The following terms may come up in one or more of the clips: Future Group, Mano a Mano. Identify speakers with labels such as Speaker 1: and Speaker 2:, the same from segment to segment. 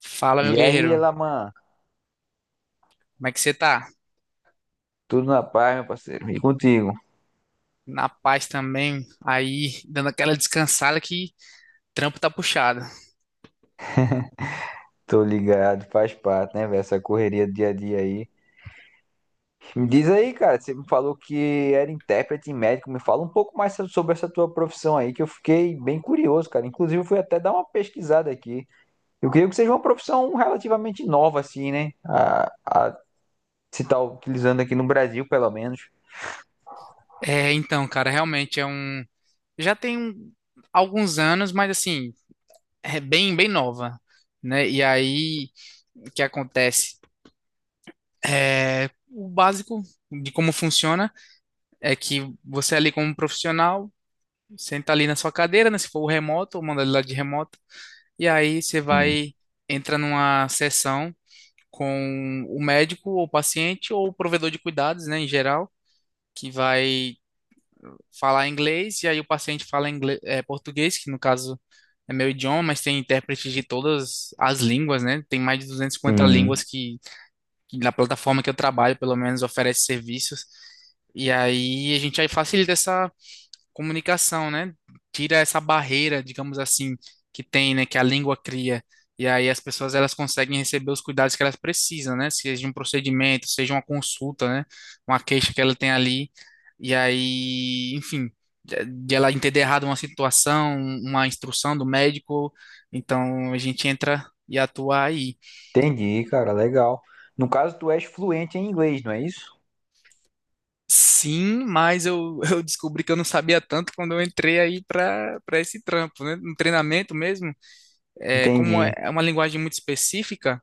Speaker 1: Fala, meu
Speaker 2: E aí,
Speaker 1: guerreiro.
Speaker 2: Elaman,
Speaker 1: Como é que você tá?
Speaker 2: tudo na paz, meu parceiro? E contigo?
Speaker 1: Na paz também, aí dando aquela descansada que trampo tá puxado.
Speaker 2: Tô ligado, faz parte, né, velho? Essa correria do dia a dia aí. Me diz aí, cara, você me falou que era intérprete e médico. Me fala um pouco mais sobre essa tua profissão aí, que eu fiquei bem curioso, cara. Inclusive, eu fui até dar uma pesquisada aqui. Eu creio que seja uma profissão relativamente nova, assim, né? A se tá utilizando aqui no Brasil, pelo menos.
Speaker 1: Então, cara, realmente é um. Já tem alguns anos, mas assim, é bem nova, né? E aí, o que acontece? O básico de como funciona é que você é ali como um profissional, senta ali na sua cadeira, né? Se for o remoto, ou manda ele lá de remoto, e aí você
Speaker 2: Sim.
Speaker 1: vai, entra numa sessão com o médico ou paciente ou o provedor de cuidados, né, em geral, que vai falar inglês e aí o paciente fala inglês, é, português, que no caso é meu idioma, mas tem intérpretes de todas as línguas, né? Tem mais de 250 línguas
Speaker 2: Sim.
Speaker 1: que na plataforma que eu trabalho, pelo menos, oferece serviços. E aí a gente aí facilita essa comunicação, né? Tira essa barreira, digamos assim, que tem, né? Que a língua cria. E aí as pessoas elas conseguem receber os cuidados que elas precisam, né? Seja um procedimento, seja uma consulta, né? Uma queixa que ela tem ali. E aí, enfim, de ela entender errado uma situação, uma instrução do médico. Então a gente entra e atua aí.
Speaker 2: Entendi, cara, legal. No caso, tu és fluente em inglês, não é isso?
Speaker 1: Sim, mas eu, eu descobri que eu não sabia tanto quando eu entrei aí para esse trampo, né? No treinamento mesmo. É, como é
Speaker 2: Entendi.
Speaker 1: é uma linguagem muito específica,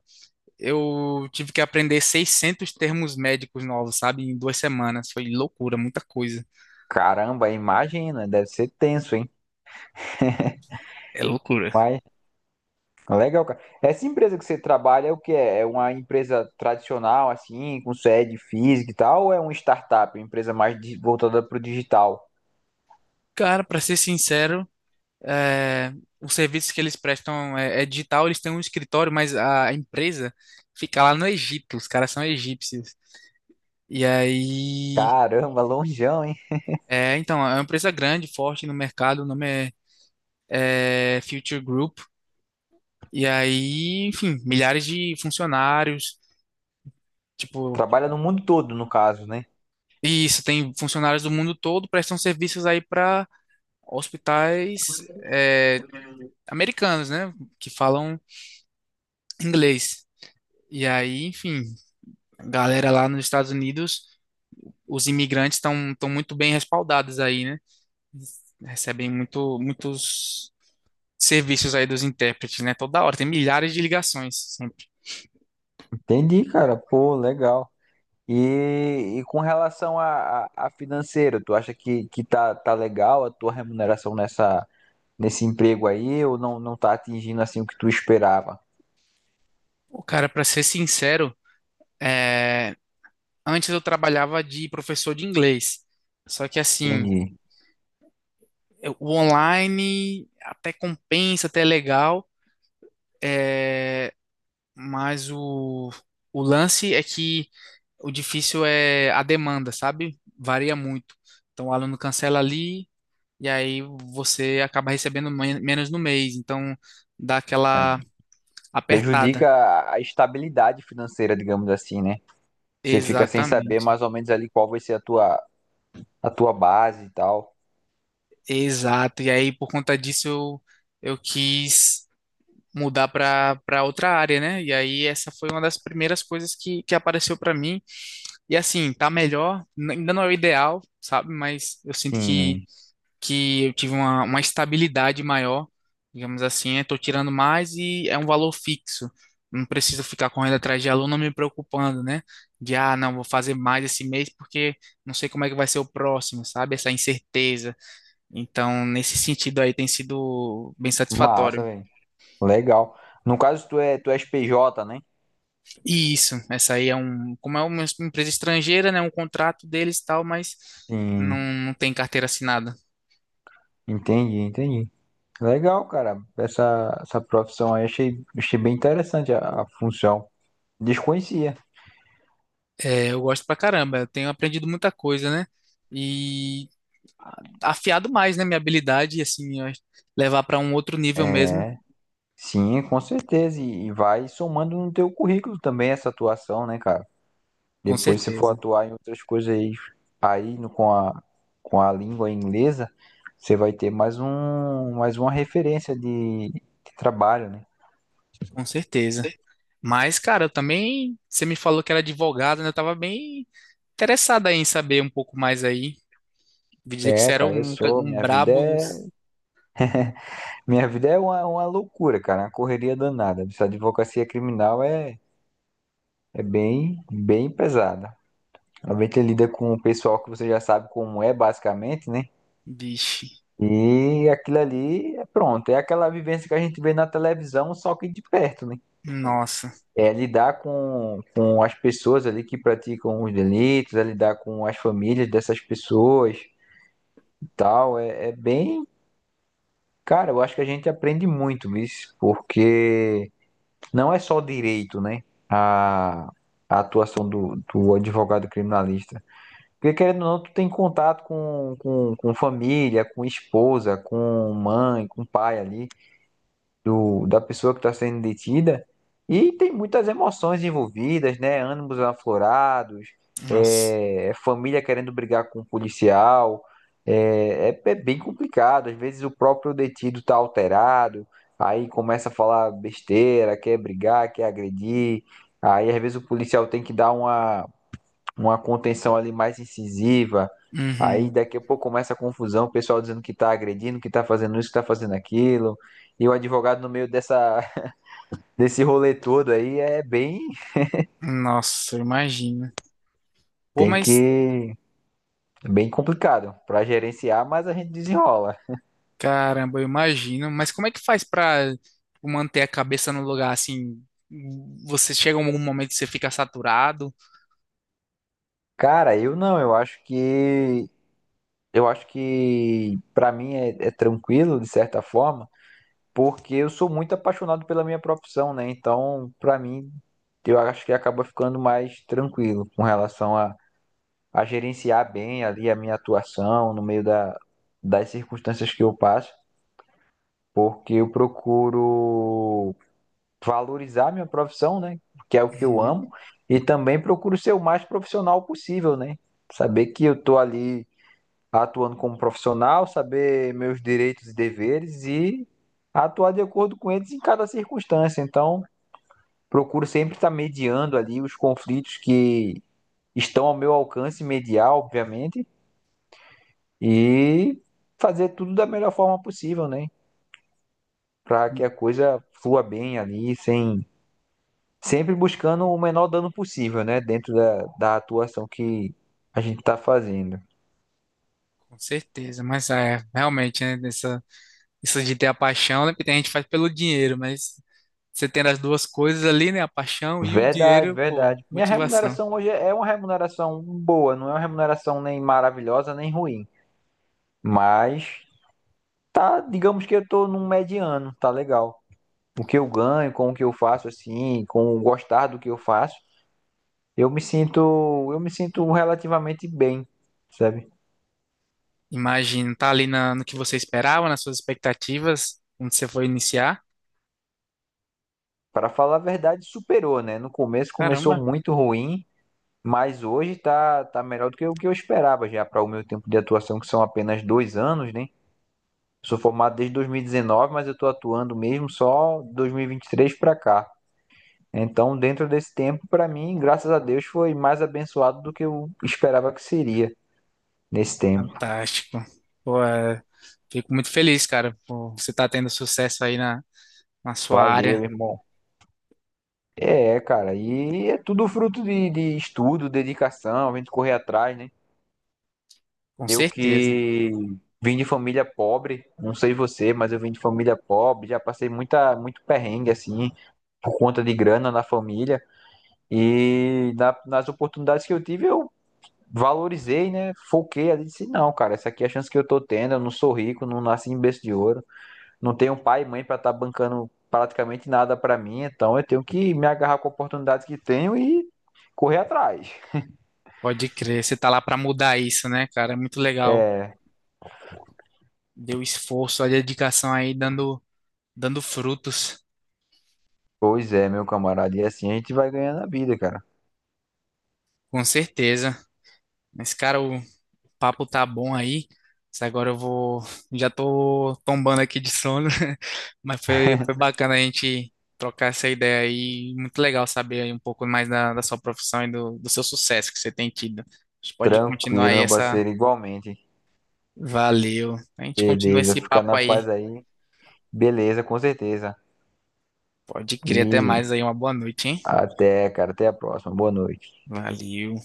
Speaker 1: eu tive que aprender 600 termos médicos novos, sabe? Em duas semanas. Foi loucura, muita coisa.
Speaker 2: Caramba, imagina, deve ser tenso, hein?
Speaker 1: É loucura.
Speaker 2: Mas legal, cara. Essa empresa que você trabalha é o que é? É uma empresa tradicional, assim, com sede física e tal, ou é uma startup, uma empresa mais voltada para o digital?
Speaker 1: Cara, para ser sincero, é, os serviços que eles prestam é, é digital, eles têm um escritório, mas a empresa fica lá no Egito. Os caras são egípcios. E aí.
Speaker 2: Caramba, longeão, hein?
Speaker 1: É, então, é uma empresa grande, forte no mercado, o nome é, é Future Group. E aí, enfim, milhares de funcionários. Tipo,
Speaker 2: Trabalha no mundo todo, no caso, né?
Speaker 1: e isso, tem funcionários do mundo todo, prestam serviços aí para hospitais é, americanos, né? Que falam inglês. E aí, enfim, a galera lá nos Estados Unidos, os imigrantes estão muito bem respaldados aí, né? Recebem muito, muitos serviços aí dos intérpretes, né? Toda hora, tem milhares de ligações sempre.
Speaker 2: Entendi, cara. Pô, legal. E com relação a financeiro, tu acha que tá legal a tua remuneração nesse emprego aí, ou não, não tá atingindo assim o que tu esperava?
Speaker 1: O cara, para ser sincero, é, antes eu trabalhava de professor de inglês. Só que assim,
Speaker 2: Entendi.
Speaker 1: é, o online até compensa, até é legal, mas o lance é que o difícil é a demanda, sabe? Varia muito. Então o aluno cancela ali e aí você acaba recebendo menos no mês. Então dá aquela apertada.
Speaker 2: Prejudica a estabilidade financeira, digamos assim, né? Você fica sem saber
Speaker 1: Exatamente.
Speaker 2: mais ou menos ali qual vai ser a tua, a, tua base e tal.
Speaker 1: Exato. E aí por conta disso eu quis mudar para outra área, né? E aí essa foi uma das primeiras coisas que apareceu para mim. E assim, tá melhor, ainda não é o ideal, sabe? Mas eu sinto
Speaker 2: Sim,
Speaker 1: que eu tive uma estabilidade maior, digamos assim, eu tô tirando mais e é um valor fixo. Não preciso ficar correndo atrás de aluno me preocupando, né? De, ah, não, vou fazer mais esse mês porque não sei como é que vai ser o próximo, sabe? Essa incerteza. Então, nesse sentido aí, tem sido bem
Speaker 2: massa,
Speaker 1: satisfatório.
Speaker 2: velho. Legal. No caso, tu és PJ, né?
Speaker 1: E isso, essa aí é um, como é uma empresa estrangeira, né? Um contrato deles e tal, mas não,
Speaker 2: Sim,
Speaker 1: não tem carteira assinada.
Speaker 2: entendi, entendi. Legal, cara. Essa profissão aí achei bem interessante a função. Desconhecia.
Speaker 1: É, eu gosto pra caramba, eu tenho aprendido muita coisa, né? E a- afiado mais, né, minha habilidade, e assim, levar pra um outro nível mesmo,
Speaker 2: É, sim, com certeza. E vai somando no teu currículo também essa atuação, né, cara?
Speaker 1: com
Speaker 2: Depois, se for
Speaker 1: certeza,
Speaker 2: atuar em outras coisas aí, aí com a língua inglesa, você vai ter mais um, mais uma referência de trabalho, né?
Speaker 1: com certeza. Mas, cara, eu também, você me falou que era advogado, né? Eu tava bem interessado aí em saber um pouco mais aí. Vi dizer que você
Speaker 2: É,
Speaker 1: era
Speaker 2: cara, eu
Speaker 1: um,
Speaker 2: sou.
Speaker 1: um
Speaker 2: Minha vida
Speaker 1: brabo
Speaker 2: é,
Speaker 1: dos...
Speaker 2: minha vida é uma loucura, cara, uma correria danada. Essa advocacia criminal é bem, bem pesada. Ela vem lida com o pessoal que você já sabe como é, basicamente, né?
Speaker 1: Vixe,
Speaker 2: E aquilo ali é pronto, é aquela vivência que a gente vê na televisão, só que de perto, né?
Speaker 1: nossa,
Speaker 2: É lidar com as pessoas ali que praticam os delitos, é lidar com as famílias dessas pessoas e tal. É, é bem. Cara, eu acho que a gente aprende muito isso, porque não é só direito, né? A atuação do advogado criminalista. Porque querendo ou não, tu tem contato com família, com esposa, com mãe, com pai ali, do, da pessoa que está sendo detida e tem muitas emoções envolvidas, né? Ânimos aflorados,
Speaker 1: nossa,
Speaker 2: é, é família querendo brigar com o policial, é, é, é bem complicado. Às vezes o próprio detido está alterado, aí começa a falar besteira, quer brigar, quer agredir, aí às vezes o policial tem que dar uma contenção ali mais incisiva. Aí
Speaker 1: uhum,
Speaker 2: daqui a pouco começa a confusão, o pessoal dizendo que tá agredindo, que tá fazendo isso, que tá fazendo aquilo. E o advogado no meio dessa, desse rolê todo aí
Speaker 1: nossa, eu imagino. Pô,
Speaker 2: tem
Speaker 1: mas
Speaker 2: que, é bem complicado pra gerenciar, mas a gente desenrola.
Speaker 1: caramba, eu imagino. Mas como é que faz pra tipo, manter a cabeça no lugar assim? Você chega a algum momento que você fica saturado?
Speaker 2: Cara, eu não, eu acho que pra mim é tranquilo de certa forma, porque eu sou muito apaixonado pela minha profissão, né? Então, pra mim, eu acho que acaba ficando mais tranquilo com relação a gerenciar bem ali a minha atuação no meio das circunstâncias que eu passo, porque eu procuro valorizar minha profissão, né? Que é o que eu
Speaker 1: Uhum.
Speaker 2: amo, e também procuro ser o mais profissional possível, né? Saber que eu tô ali atuando como profissional, saber meus direitos e deveres e atuar de acordo com eles em cada circunstância. Então, procuro sempre estar mediando ali os conflitos que estão ao meu alcance mediar, obviamente, e fazer tudo da melhor forma possível, né? Para que a coisa flua bem ali, sem sempre buscando o menor dano possível, né? Dentro da atuação que a gente está fazendo.
Speaker 1: Com certeza, mas é, realmente, né, nessa, isso de ter a paixão, né, porque tem gente que faz pelo dinheiro, mas você tendo as duas coisas ali, né, a paixão e o
Speaker 2: Verdade,
Speaker 1: dinheiro, pô,
Speaker 2: verdade. Minha
Speaker 1: motivação.
Speaker 2: remuneração hoje é uma remuneração boa, não é uma remuneração nem maravilhosa nem ruim, mas tá, digamos que eu tô num mediano, tá legal. O que eu ganho, com o que eu faço assim, com o gostar do que eu faço, Eu me sinto, eu me sinto, relativamente bem, sabe?
Speaker 1: Imagino, tá ali na, no que você esperava, nas suas expectativas, quando você foi iniciar.
Speaker 2: Para falar a verdade, superou, né? No começo começou
Speaker 1: Caramba.
Speaker 2: muito ruim, mas hoje tá melhor do que o que eu esperava já para o meu tempo de atuação, que são apenas 2 anos, né? Sou formado desde 2019, mas eu estou atuando mesmo só dois mil e vinte e três para cá. Então, dentro desse tempo, para mim, graças a Deus, foi mais abençoado do que eu esperava que seria nesse tempo.
Speaker 1: Fantástico. Pô, é, fico muito feliz, cara, por você estar tendo sucesso aí na, na sua área,
Speaker 2: Valeu, irmão. É, cara, e é tudo fruto de estudo, dedicação, a gente correr atrás, né?
Speaker 1: com
Speaker 2: Eu
Speaker 1: certeza.
Speaker 2: que vim de família pobre, não sei você, mas eu vim de família pobre, já passei muita, muito perrengue, assim, por conta de grana na família, e nas oportunidades que eu tive, eu valorizei, né? Foquei ali, disse, não, cara, essa aqui é a chance que eu tô tendo, eu não sou rico, não nasci em berço de ouro, não tenho pai e mãe para estar bancando praticamente nada para mim, então eu tenho que me agarrar com a oportunidade que tenho e correr atrás.
Speaker 1: Pode crer, você tá lá para mudar isso, né, cara? É muito legal. Deu esforço, a dedicação aí dando, dando frutos,
Speaker 2: Pois é, meu camarada, e assim a gente vai ganhando a vida, cara.
Speaker 1: com certeza. Mas, cara, o, papo tá bom aí. Mas agora eu vou. Já tô tombando aqui de sono, mas foi, foi bacana a gente trocar essa ideia aí. Muito legal saber aí um pouco mais da, da sua profissão e do, do seu sucesso que você tem tido. A gente pode continuar
Speaker 2: Tranquilo,
Speaker 1: aí
Speaker 2: meu
Speaker 1: essa.
Speaker 2: parceiro, igualmente.
Speaker 1: Valeu. A gente continua
Speaker 2: Beleza,
Speaker 1: esse
Speaker 2: fica
Speaker 1: papo
Speaker 2: na
Speaker 1: aí.
Speaker 2: paz aí. Beleza, com certeza.
Speaker 1: Pode crer, até mais
Speaker 2: E
Speaker 1: aí. Uma boa noite, hein?
Speaker 2: até, cara, até a próxima. Boa noite.
Speaker 1: Valeu.